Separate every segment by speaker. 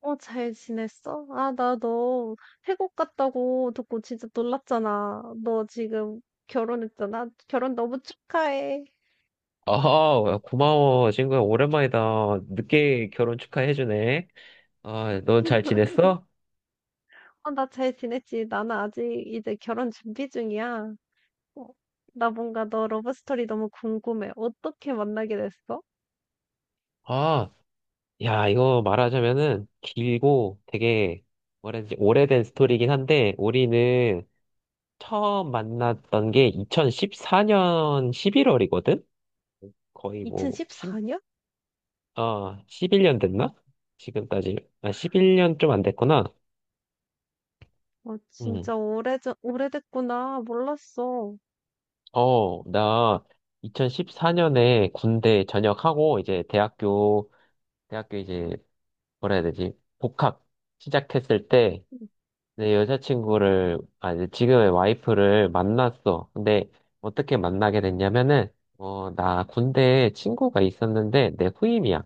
Speaker 1: 잘 지냈어? 아, 나 너 태국 갔다고 듣고 진짜 놀랐잖아. 너 지금 결혼했잖아. 결혼 너무 축하해.
Speaker 2: 아, 고마워, 친구야. 오랜만이다. 늦게 결혼 축하해주네. 아, 넌 잘 지냈어?
Speaker 1: 어, 나 잘 지냈지. 나는 아직 이제 결혼 준비 중이야. 어, 나 뭔가 너 러브스토리 너무 궁금해. 어떻게 만나게 됐어?
Speaker 2: 아, 야, 이거 말하자면은 길고 되게 뭐라지 오래된 스토리긴 한데, 우리는 처음 만났던 게 2014년 11월이거든? 거의 뭐, 1
Speaker 1: 2014년?
Speaker 2: 아, 11년 됐나? 지금 따지, 아, 11년 좀 안 됐구나.
Speaker 1: 어,
Speaker 2: 음,
Speaker 1: 진짜 오래전, 오래됐구나. 몰랐어.
Speaker 2: 나 2014년에 군대 전역하고 이제 대학교 이제 뭐라 해야 되지? 복학 시작했을 때
Speaker 1: 응.
Speaker 2: 내 여자친구를 아 이제 지금의 와이프를 만났어. 근데 어떻게 만나게 됐냐면은 나 군대에 친구가 있었는데 내 후임이야.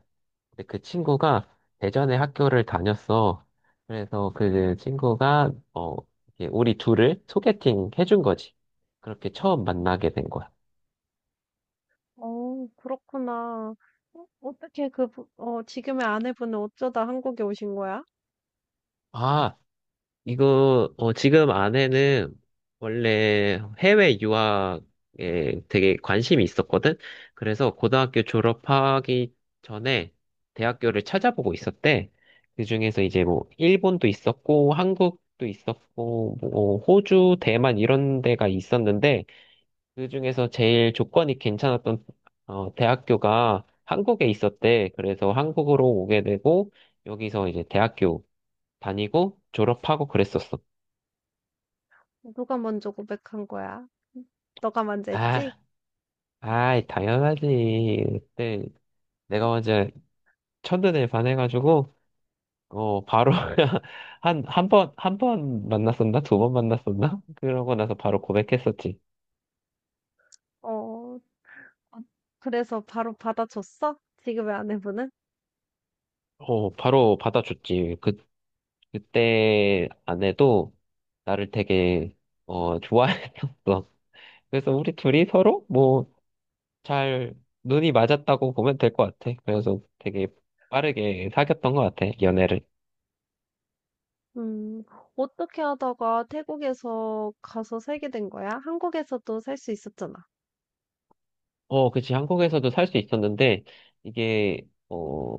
Speaker 2: 근데 그 친구가 대전에 학교를 다녔어. 그래서 그 친구가 이렇게 우리 둘을 소개팅 해준 거지. 그렇게 처음 만나게 된 거야.
Speaker 1: 어 그렇구나. 어떻게 그 부 어 지금의 아내분은 어쩌다 한국에 오신 거야?
Speaker 2: 아, 지금 아내는 원래 해외 유학에 되게 관심이 있었거든? 그래서 고등학교 졸업하기 전에 대학교를 찾아보고 있었대. 그중에서 이제 뭐, 일본도 있었고, 한국도 있었고, 뭐, 호주, 대만 이런 데가 있었는데, 그중에서 제일 조건이 괜찮았던, 대학교가 한국에 있었대. 그래서 한국으로 오게 되고, 여기서 이제 대학교 다니고, 졸업하고 그랬었어.
Speaker 1: 누가 먼저 고백한 거야? 음 너가 먼저 했지?
Speaker 2: 아, 아, 당연하지. 그때 내가
Speaker 1: 음.
Speaker 2: 먼저 첫눈에 반해가지고, 바로 한 번 만났었나? 두 번 만났었나? 그러고 나서 바로 고백했었지.
Speaker 1: 어 어, 그래서 바로 받아줬어? 지금의 아내분은?
Speaker 2: 바로 받아줬지. 그때 아내도 나를 되게 좋아했었어. 그래서 우리 둘이 서로 뭐, 잘, 눈이 맞았다고 보면 될 것 같아. 그래서 되게 빠르게 사귀었던 것 같아, 연애를.
Speaker 1: 음, 어떻게 하다가 태국에서 가서 살게 된 거야? 한국에서도 살 수 있었잖아.
Speaker 2: 그치. 한국에서도 살 수 있었는데, 이게, 어,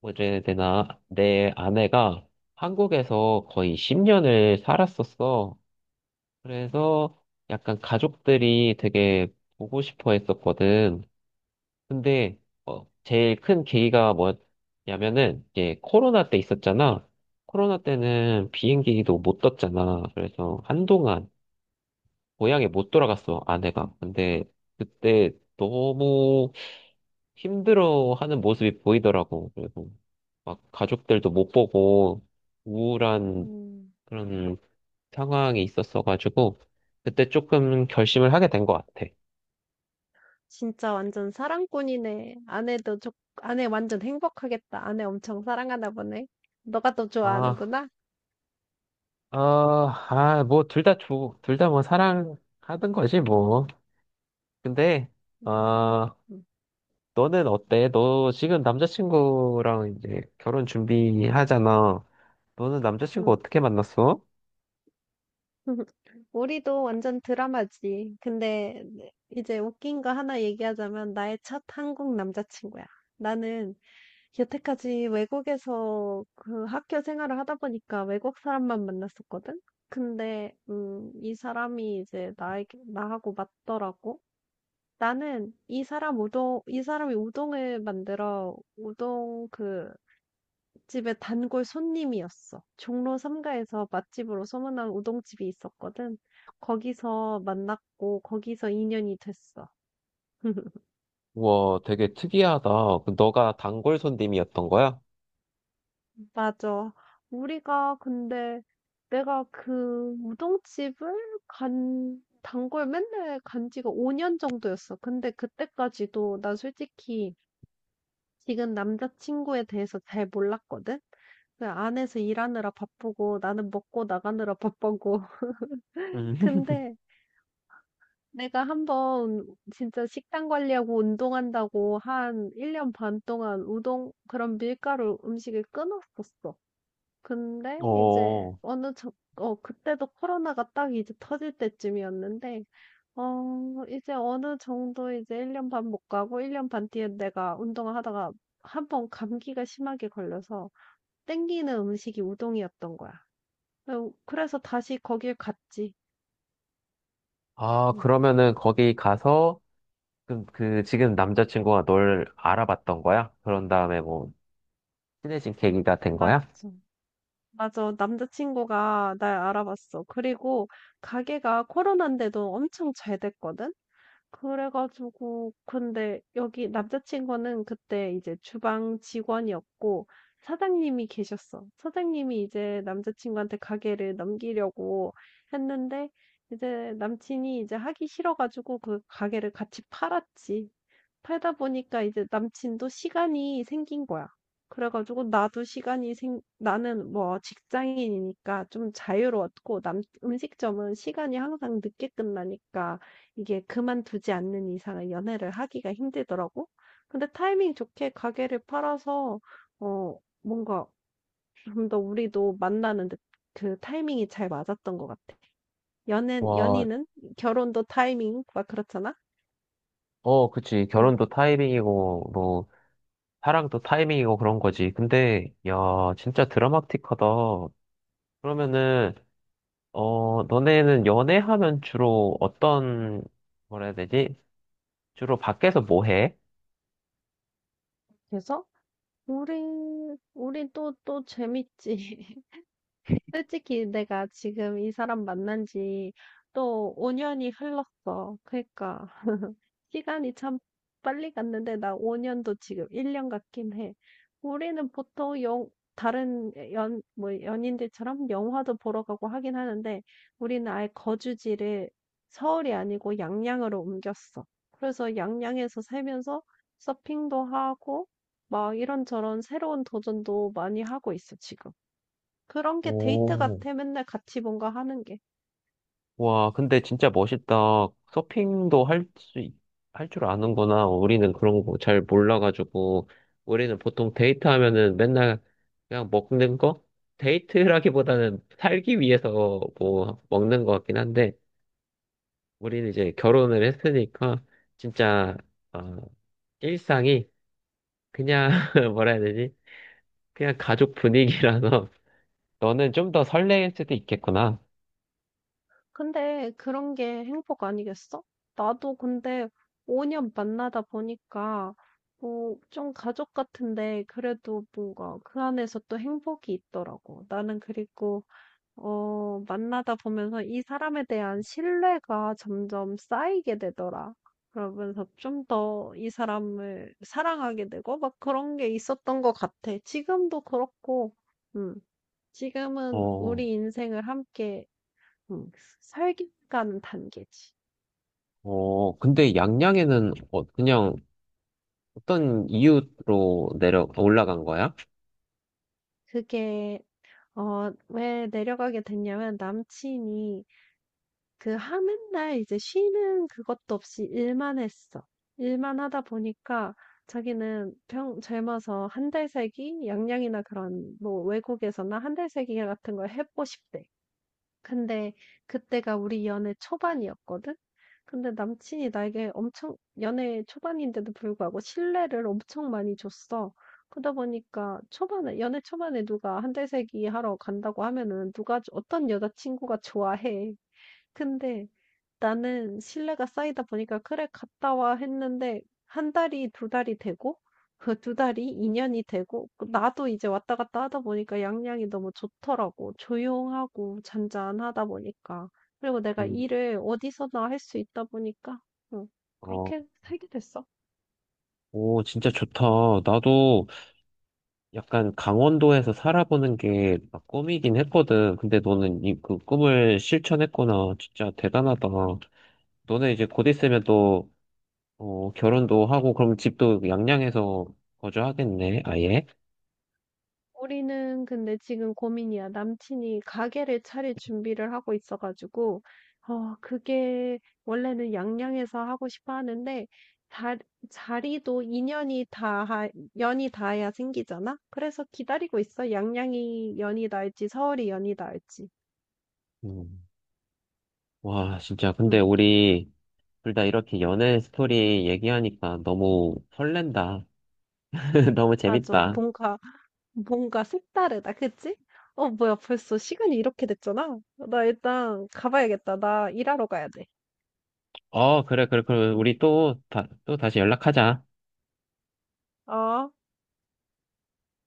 Speaker 2: 뭐래 되나, 내 아내가 한국에서 거의 10년을 살았었어. 그래서 약간 가족들이 되게 보고 싶어 했었거든. 근데, 제일 큰 계기가 뭐냐면은, 이제 코로나 때 있었잖아. 코로나 때는 비행기도 못 떴잖아. 그래서 한동안 고향에 못 돌아갔어, 아내가. 근데 그때 너무 힘들어하는 모습이 보이더라고. 그래서 막 가족들도 못 보고 우울한
Speaker 1: 음,
Speaker 2: 그런 상황이 있었어가지고 그때 조금 결심을 하게 된 것 같아.
Speaker 1: 진짜 완전 사랑꾼이네. 아내 완전 행복하겠다. 아내 엄청 사랑하나 보네. 너가 더
Speaker 2: 아,
Speaker 1: 좋아하는구나?
Speaker 2: 뭐 둘 다 뭐 사랑하던 거지 뭐. 근데
Speaker 1: 음,
Speaker 2: 아,
Speaker 1: 음.
Speaker 2: 너는 어때? 너 지금 남자친구랑 이제 결혼 준비하잖아. 너는 남자친구
Speaker 1: 음.
Speaker 2: 어떻게 만났어?
Speaker 1: 우리도 완전 드라마지. 근데 네, 이제 웃긴 거 하나 얘기하자면 나의 첫 한국 남자친구야. 나는 여태까지 외국에서 그 학교 생활을 하다 보니까 외국 사람만 만났었거든? 근데, 이 사람이 이제 나에게, 나하고 맞더라고. 나는 이 사람 우동, 이 사람이 우동을 만들어, 우동 그 집의 단골 손님이었어. 종로 삼가에서 맛집으로 소문난 우동집이 있었거든. 거기서 만났고 거기서 인연이 됐어.
Speaker 2: 우와, 되게 특이하다. 그 너가 단골 손님이었던 거야?
Speaker 1: 맞아. 우리가 근데 내가 그 우동집을 간 단골 맨날 간 지가 5년 정도였어. 근데 그때까지도 난 솔직히 지금 남자친구에 대해서 잘 몰랐거든. 그 안에서 일하느라 바쁘고 나는 먹고 나가느라 바쁘고.
Speaker 2: 음.
Speaker 1: 근데 내가 한번 진짜 식단 관리하고 운동한다고 한 1년 반 동안 그런 밀가루 음식을 끊었었어. 근데 이제
Speaker 2: 어,
Speaker 1: 어느 정, 그때도 코로나가 딱 이제 터질 때쯤이었는데, 이제 어느 정도 이제 1년 반 못 가고 1년 반 뒤에 내가 운동을 하다가 한번 감기가 심하게 걸려서 땡기는 음식이 우동이었던 거야. 그래서 다시 거길 갔지.
Speaker 2: 아,
Speaker 1: 응,
Speaker 2: 그러면은 거기 가서 그 지금 남자친구가 널 알아봤던 거야? 그런 다음에 뭐 친해진 계기가 된 거야?
Speaker 1: 맞죠. 맞아. 남자친구가 날 알아봤어. 그리고 가게가 코로나인데도 엄청 잘 됐거든? 그래가지고, 근데 여기 남자친구는 그때 이제 주방 직원이었고, 사장님이 계셨어. 사장님이 이제 남자친구한테 가게를 넘기려고 했는데, 이제 남친이 이제 하기 싫어가지고 그 가게를 같이 팔았지. 팔다 보니까 이제 남친도 시간이 생긴 거야. 그래 가지고 나도 시간이 생 나는 뭐 직장인이니까 좀 자유로웠고 남 음식점은 시간이 항상 늦게 끝나니까 이게 그만두지 않는 이상은 연애를 하기가 힘들더라고. 근데 타이밍 좋게 가게를 팔아서 뭔가 좀 더 우리도 만나는 데 그 타이밍이 잘 맞았던 것 같아. 연애
Speaker 2: 와,
Speaker 1: 연인은 결혼도 타이밍 막 그렇잖아.
Speaker 2: 어, 그치.
Speaker 1: 음.
Speaker 2: 결혼도 타이밍이고, 뭐, 사랑도 타이밍이고 그런 거지. 근데, 야, 진짜 드라마틱하다. 그러면은, 너네는 연애하면 주로 어떤, 뭐라 해야 되지? 주로 밖에서 뭐 해?
Speaker 1: 그래서 우리 우리 또 또 재밌지. 솔직히 내가 지금 이 사람 만난 지 또 5년이 흘렀어. 그러니까 시간이 참 빨리 갔는데 나 5년도 지금 1년 같긴 해. 우리는 보통 영 다른 연 뭐 연인들처럼 영화도 보러 가고 하긴 하는데 우리는 아예 거주지를 서울이 아니고 양양으로 옮겼어. 그래서 양양에서 살면서 서핑도 하고 막 이런저런 새로운 도전도 많이 하고 있어, 지금. 그런 게 데이트
Speaker 2: 오.
Speaker 1: 같아, 맨날 같이 뭔가 하는 게.
Speaker 2: 와, 근데 진짜 멋있다. 서핑도 할 줄 아는구나. 우리는 그런 거 잘 몰라가지고. 우리는 보통 데이트 하면은 맨날 그냥 먹는 거? 데이트라기보다는 살기 위해서 뭐 먹는 것 같긴 한데, 우리는 이제 결혼을 했으니까, 진짜, 어, 일상이 그냥, 뭐라 해야 되지? 그냥 가족 분위기라서, 너는 좀 더 설레일 수도 있겠구나.
Speaker 1: 근데 그런 게 행복 아니겠어? 나도 근데 5년 만나다 보니까, 좀 가족 같은데, 그래도 뭔가 그 안에서 또 행복이 있더라고. 나는 그리고, 만나다 보면서 이 사람에 대한 신뢰가 점점 쌓이게 되더라. 그러면서 좀 더 이 사람을 사랑하게 되고, 막 그런 게 있었던 것 같아. 지금도 그렇고, 음. 지금은
Speaker 2: 어,
Speaker 1: 우리 인생을 함께 음, 살기가는 단계지. 음,
Speaker 2: 근데 양양에는 그냥 어떤 이유로 내려 올라간 거야?
Speaker 1: 그게 왜 내려가게 됐냐면 남친이 그 하는 날 이제 쉬는 그것도 없이 일만 했어. 일만 하다 보니까 자기는 평 젊어서 한 달 살기, 양양이나 그런 뭐 외국에서나 한 달 살기 같은 걸 해보고 싶대. 근데 그때가 우리 연애 초반이었거든? 근데 남친이 나에게 엄청 연애 초반인데도 불구하고 신뢰를 엄청 많이 줬어. 그러다 보니까 초반에 연애 초반에 누가 한 달 살기 하러 간다고 하면은 누가 어떤 여자친구가 좋아해. 근데 나는 신뢰가 쌓이다 보니까 '그래 갔다 와.' 했는데 한 달이 두 달이 되고 그 두 달이 2 년이 되고 나도 이제 왔다 갔다 하다 보니까 양양이 너무 좋더라고. 조용하고 잔잔하다 보니까. 그리고 내가
Speaker 2: 음,
Speaker 1: 일을 어디서나 할 수 있다 보니까 응,
Speaker 2: 어,
Speaker 1: 그렇게 살게 됐어.
Speaker 2: 오, 진짜 좋다. 나도 약간 강원도에서 살아보는 게막 꿈이긴 했거든. 근데 너는 그 꿈을 실천했구나. 진짜 대단하다. 너네 이제 곧 있으면 또 결혼도 하고 그럼 집도 양양에서 거주하겠네. 아예.
Speaker 1: 우리는 근데 지금 고민이야. 남친이 가게를 차릴 준비를 하고 있어 가지고 그게 원래는 양양에서 하고 싶어 하는데 자, 자리도 인연이 닿아 연이 닿아야 생기잖아. 그래서 기다리고 있어. 양양이 연이 닿을지 서울이 연이 닿을지.
Speaker 2: 음. 와, 진짜. 근데
Speaker 1: 응.
Speaker 2: 우리 둘 다 이렇게 연애 스토리 얘기하니까 너무 설렌다. 너무
Speaker 1: 맞아.
Speaker 2: 재밌다.
Speaker 1: 뭔가 색다르다. 그치? 뭐야 벌써 시간이 이렇게 됐잖아. 나 일단 가봐야겠다. 나 일하러 가야 돼.
Speaker 2: 어, 그래, 그래, 그래.
Speaker 1: 응.
Speaker 2: 우리 또 다시 연락하자.
Speaker 1: 어.